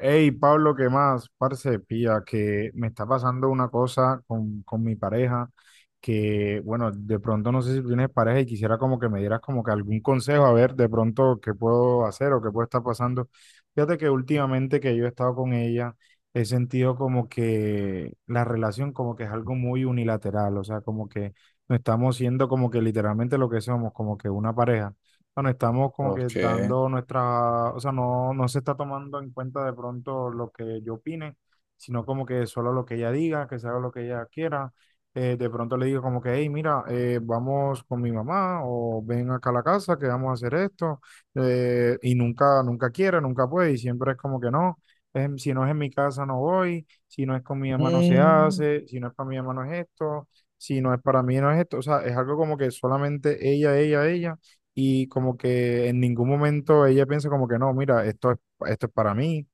Hey, Pablo, ¿qué más? Parce, pilla, que me está pasando una cosa con mi pareja que, bueno, de pronto no sé si tú tienes pareja y quisiera como que me dieras como que algún consejo, a ver, de pronto qué puedo hacer o qué puede estar pasando. Fíjate que últimamente que yo he estado con ella, he sentido como que la relación como que es algo muy unilateral, o sea, como que no estamos siendo como que literalmente lo que somos, como que una pareja. Bueno, estamos como que Ok. dando nuestra, o sea, no se está tomando en cuenta de pronto lo que yo opine, sino como que solo lo que ella diga, que se haga lo que ella quiera. De pronto le digo como que, hey, mira, vamos con mi mamá o ven acá a la casa que vamos a hacer esto. Y nunca, nunca quiere, nunca puede, y siempre es como que no. Si no es en mi casa no voy, si no es con mi mamá no se Mm, hace, si no es para mi mamá no es esto, si no es para mí no es esto. O sea, es algo como que solamente ella y como que en ningún momento ella piensa como que no, mira, esto es para mí.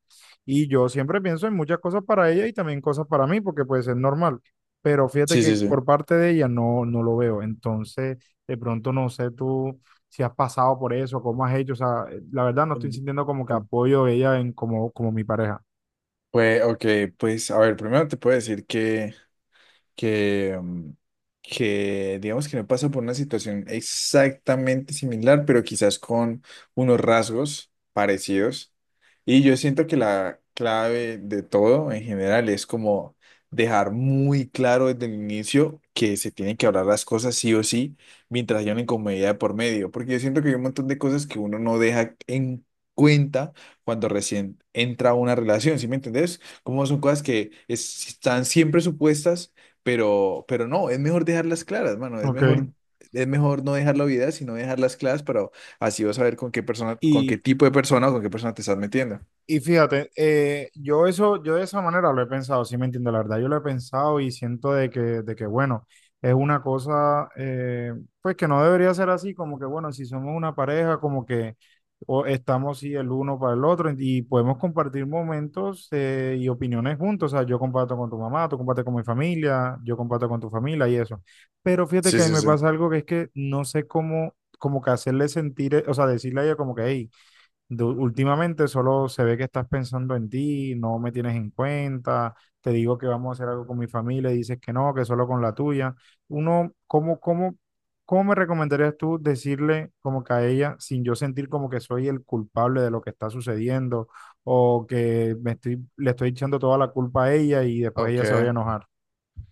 Y yo siempre pienso en muchas cosas para ella y también cosas para mí, porque pues es normal. Pero fíjate sí, que sí, sí. por parte de ella no lo veo. Entonces, de pronto no sé tú si has pasado por eso, cómo has hecho. O sea, la verdad no estoy Em, sintiendo como que apoyo de ella en como mi pareja. Pues, ok, pues, a ver, primero te puedo decir que, mm, que digamos que no pasa por una situación exactamente similar, pero quizás con unos rasgos parecidos. Y yo siento que la clave de todo en general es como dejar muy claro desde el inicio que se tienen que hablar las cosas sí o sí, mientras haya una incomodidad de por medio, porque yo siento que hay un montón de cosas que uno no deja en cuenta cuando recién entra a una relación, ¿sí me entendés? Como son cosas están siempre supuestas pero no, es mejor dejarlas claras, mano. Ok. Es mejor no dejar la vida, sino dejarlas claras para así vas a ver con qué persona, con qué tipo de persona o con qué persona te estás metiendo. Y fíjate, yo eso, yo de esa manera lo he pensado, sí me entiendo, la verdad, yo lo he pensado y siento de que bueno, es una cosa, pues que no debería ser así, como que bueno, si somos una pareja, como que o estamos sí el uno para el otro y podemos compartir momentos y opiniones juntos, o sea, yo comparto con tu mamá, tú compartes con mi familia, yo comparto con tu familia y eso. Pero fíjate Sí, que a mí sí, me sí. pasa algo que es que no sé cómo, como que hacerle sentir, o sea, decirle a ella como que, hey, últimamente solo se ve que estás pensando en ti, no me tienes en cuenta, te digo que vamos a hacer algo con mi familia y dices que no, que solo con la tuya. Uno, ¿ cómo me recomendarías tú decirle como que a ella sin yo sentir como que soy el culpable de lo que está sucediendo o que me le estoy echando toda la culpa a ella y después ella se vaya a Ok. enojar?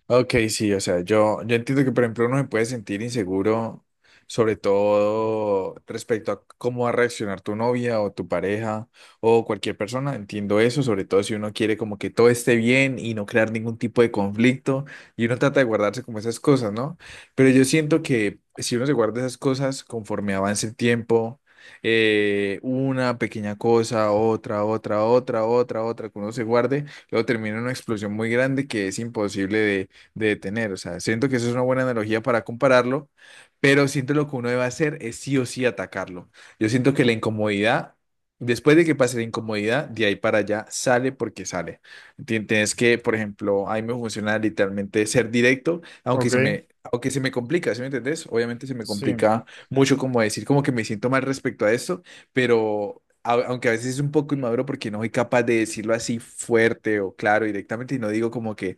Ok, sí, o sea, yo entiendo que, por ejemplo, uno se puede sentir inseguro, sobre todo respecto a cómo va a reaccionar tu novia o tu pareja o cualquier persona. Entiendo eso, sobre todo si uno quiere como que todo esté bien y no crear ningún tipo de conflicto y uno trata de guardarse como esas cosas, ¿no? Pero yo siento que si uno se guarda esas cosas conforme avance el tiempo, una pequeña cosa, otra, otra, otra, otra, otra, que uno se guarde, luego termina en una explosión muy grande que es imposible de tener. O sea, siento que eso es una buena analogía para compararlo, pero siento lo que uno debe hacer es sí o sí atacarlo. Yo siento que la incomodidad, después de que pase la incomodidad, de ahí para allá sale porque sale. Tienes que, por ejemplo, a mí me funciona literalmente ser directo, Ok, aunque se me complica, ¿sí me entendés? Obviamente se me sí. complica mucho como decir como que me siento mal respecto a esto, pero... Aunque a veces es un poco inmaduro porque no soy capaz de decirlo así fuerte o claro directamente y no digo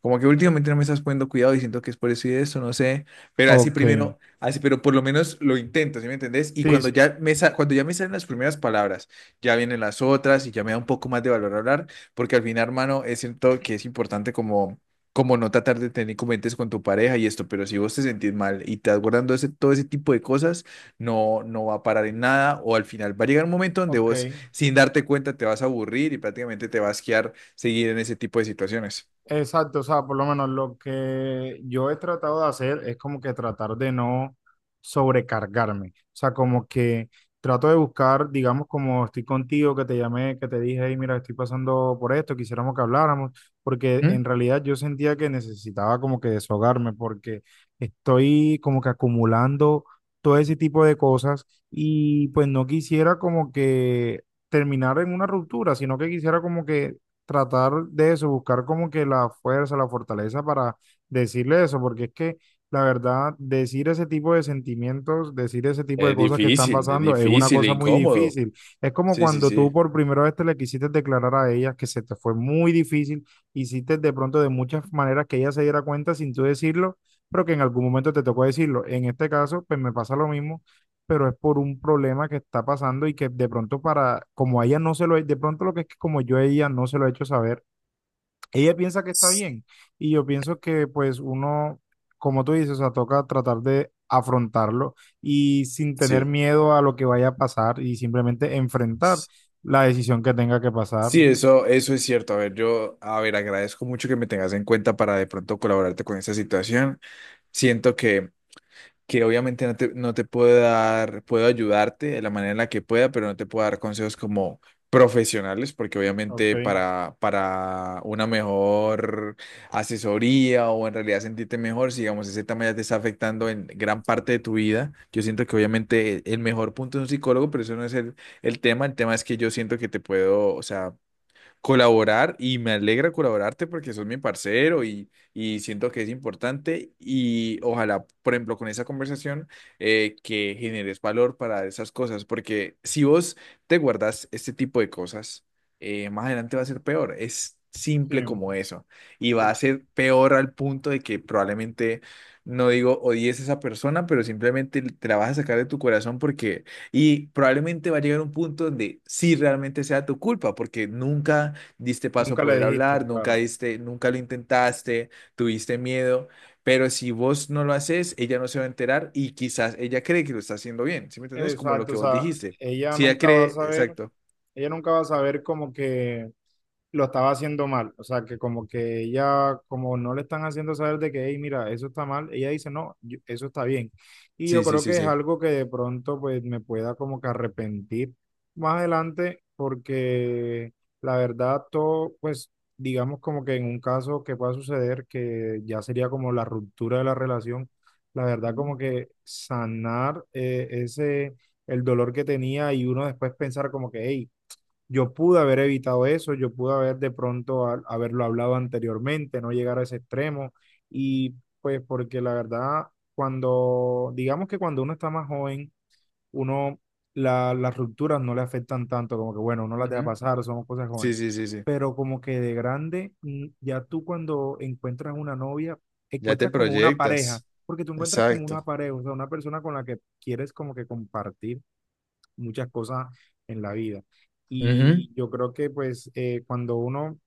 como que últimamente no me estás poniendo cuidado y siento que es por eso y eso, no sé. Pero así Ok, primero, así, pero por lo menos lo intento, ¿sí me entendés? Y sí, cuando sí, ya me, cuando ya me salen las primeras palabras, ya vienen las otras y ya me da un poco más de valor hablar, porque al final, hermano, es siento que es importante como, como no tratar de tener comentes con tu pareja y esto, pero si vos te sentís mal y te estás guardando ese, todo ese tipo de cosas, no, no va a parar en nada o al final va a llegar un momento donde ok. vos, sin darte cuenta, te vas a aburrir y prácticamente te vas a quedar seguir en ese tipo de situaciones. Exacto, o sea, por lo menos lo que yo he tratado de hacer es como que tratar de no sobrecargarme, o sea, como que trato de buscar, digamos, como estoy contigo, que te llamé, que te dije, hey, mira, estoy pasando por esto, quisiéramos que habláramos, porque en realidad yo sentía que necesitaba como que deshogarme, porque estoy como que acumulando todo ese tipo de cosas y pues no quisiera como que terminar en una ruptura, sino que quisiera como que tratar de eso, buscar como que la fuerza, la fortaleza para decirle eso, porque es que la verdad, decir ese tipo de sentimientos, decir ese tipo de cosas que están Es pasando es una difícil e cosa muy incómodo. difícil. Es como Sí, sí, cuando tú sí. por primera vez te le quisiste declarar a ella que se te fue muy difícil, hiciste de pronto de muchas maneras que ella se diera cuenta sin tú decirlo, pero que en algún momento te tocó decirlo. En este caso, pues me pasa lo mismo pero es por un problema que está pasando y que de pronto para, como a ella no se lo, de pronto lo que es que como yo a ella no se lo he hecho saber, ella piensa que está S- bien y yo pienso que pues uno, como tú dices, o sea, toca tratar de afrontarlo y sin tener Sí. miedo a lo que vaya a pasar y simplemente enfrentar S- la decisión que tenga que pasar. Sí, eso es cierto. A ver, yo, a ver, agradezco mucho que me tengas en cuenta para de pronto colaborarte con esa situación. Siento que obviamente no te puedo dar, puedo ayudarte de la manera en la que pueda, pero no te puedo dar consejos como profesionales, porque Ok, obviamente para una mejor asesoría o en realidad sentirte mejor, si digamos ese tema ya te está afectando en gran parte de tu vida, yo siento que obviamente el mejor punto es un psicólogo, pero eso no es el tema es que yo siento que te puedo, o sea, colaborar y me alegra colaborarte porque sos mi parcero y siento que es importante y ojalá, por ejemplo, con esa conversación que generes valor para esas cosas, porque si vos te guardas este tipo de cosas, más adelante va a ser peor, es sí, simple como eso y va a sí. ser peor al punto de que probablemente, no digo odies a esa persona, pero simplemente te la vas a sacar de tu corazón porque... Y probablemente va a llegar un punto donde sí realmente sea tu culpa, porque nunca diste paso a Nunca le poder dijiste, hablar, nunca claro. diste, nunca lo intentaste, tuviste miedo, pero si vos no lo haces, ella no se va a enterar y quizás ella cree que lo está haciendo bien, ¿sí me entendés? Como lo Exacto, o que vos sea, dijiste. ella Si ella nunca va a cree, saber, exacto. ella nunca va a saber como que lo estaba haciendo mal. O sea, que como que ella, como no le están haciendo saber de que, hey, mira, eso está mal, ella dice, no, yo- eso está bien. Y yo Sí, sí, creo sí, que es sí. algo que de pronto pues me pueda como que arrepentir más adelante porque la verdad todo, pues digamos como que en un caso que pueda suceder, que ya sería como la ruptura de la relación, la verdad Ujú, como que sanar ese, el dolor que tenía y uno después pensar como que, hey, yo pude haber evitado eso, yo pude haber de pronto haberlo hablado anteriormente, no llegar a ese extremo. Y pues porque la verdad, cuando, digamos que cuando uno está más joven, uno, las rupturas no le afectan tanto, como que bueno, uno las deja ujú. pasar, somos cosas Sí, jóvenes. sí, sí, sí. Pero como que de grande, ya tú cuando encuentras una novia, Ya te encuentras como una pareja, proyectas. porque tú encuentras como Exacto. una pareja, o sea, una persona con la que quieres como que compartir muchas cosas en la vida. Ujú. Y yo creo que pues cuando uno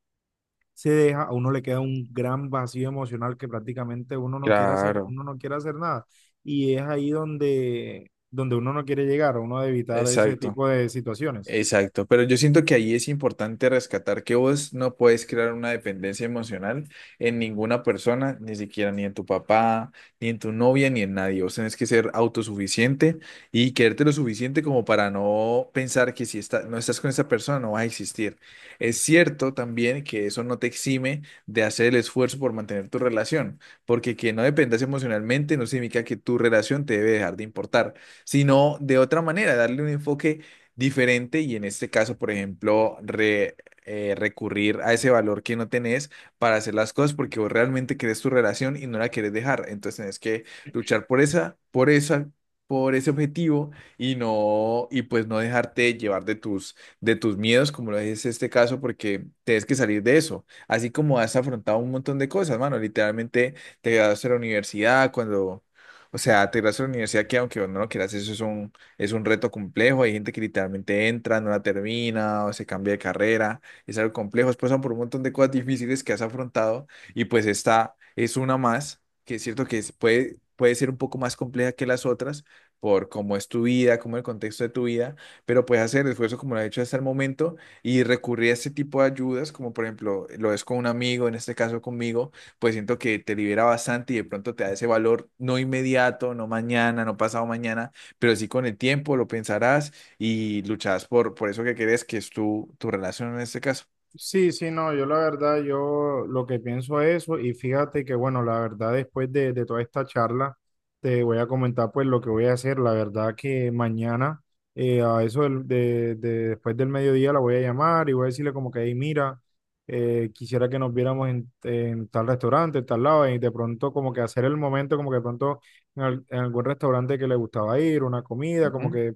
se deja, a uno le queda un gran vacío emocional que prácticamente uno no quiere hacer, Claro, uno no quiere hacer nada. Y es ahí donde uno no quiere llegar, uno debe evitar ese exacto. tipo de situaciones. Exacto, pero yo siento que ahí es importante rescatar que vos no puedes crear una dependencia emocional en ninguna persona, ni siquiera ni en tu papá, ni en tu novia, ni en nadie. Vos tenés que ser autosuficiente y quererte lo suficiente como para no pensar que si no estás con esa persona no vas a existir. Es cierto también que eso no te exime de hacer el esfuerzo por mantener tu relación, porque que no dependas emocionalmente no significa que tu relación te debe dejar de importar, sino de otra manera, darle un enfoque diferente y en este caso, por ejemplo, recurrir a ese valor que no tenés para hacer las cosas porque vos realmente querés tu relación y no la querés dejar. Entonces tenés que luchar por ese objetivo y no, y pues no dejarte llevar de tus miedos, como lo es este caso, porque tienes que salir de eso. Así como has afrontado un montón de cosas, mano, literalmente te graduaste de la universidad cuando... O sea, te graduaste de la universidad que aunque vos no lo quieras, eso es un reto complejo. Hay gente que literalmente entra, no la termina o se cambia de carrera. Es algo complejo. Después pasan por un montón de cosas difíciles que has afrontado y pues esta es una más, que es cierto que es- puede, puede ser un poco más compleja que las otras por cómo es tu vida, cómo es el contexto de tu vida, pero puedes hacer el esfuerzo como lo has hecho hasta el momento y recurrir a este tipo de ayudas, como por ejemplo lo es con un amigo, en este caso conmigo, pues siento que te libera bastante y de pronto te da ese valor no inmediato, no mañana, no pasado mañana, pero sí con el tiempo lo pensarás y lucharás por eso que querés, que es tu relación en este caso. Sí, no, yo la verdad, yo lo que pienso es eso y fíjate que bueno, la verdad después de toda esta charla te voy a comentar pues lo que voy a hacer, la verdad que mañana a eso después del mediodía la voy a llamar y voy a decirle como que ahí mira, quisiera que nos viéramos en tal restaurante, en tal lado y de pronto como que hacer el momento como que de pronto en algún restaurante que le gustaba ir, una comida, como Ujú. que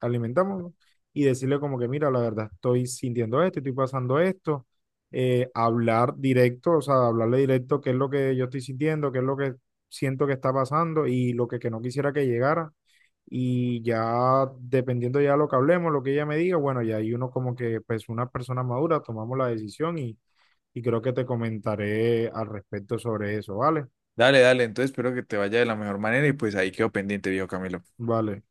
alimentamos y decirle como que, mira, la verdad, estoy sintiendo esto, estoy pasando esto, hablar directo, o sea, hablarle directo qué es lo que yo estoy sintiendo, qué es lo que siento que está pasando y lo que no quisiera que llegara. Y ya dependiendo ya lo que hablemos, lo que ella me diga, bueno, ya hay uno como que, pues una persona madura, tomamos la decisión y creo que te comentaré al respecto sobre eso, ¿vale? Dale, dale, entonces espero que te vaya de la mejor manera y pues ahí quedo pendiente, viejo Camilo. Vale.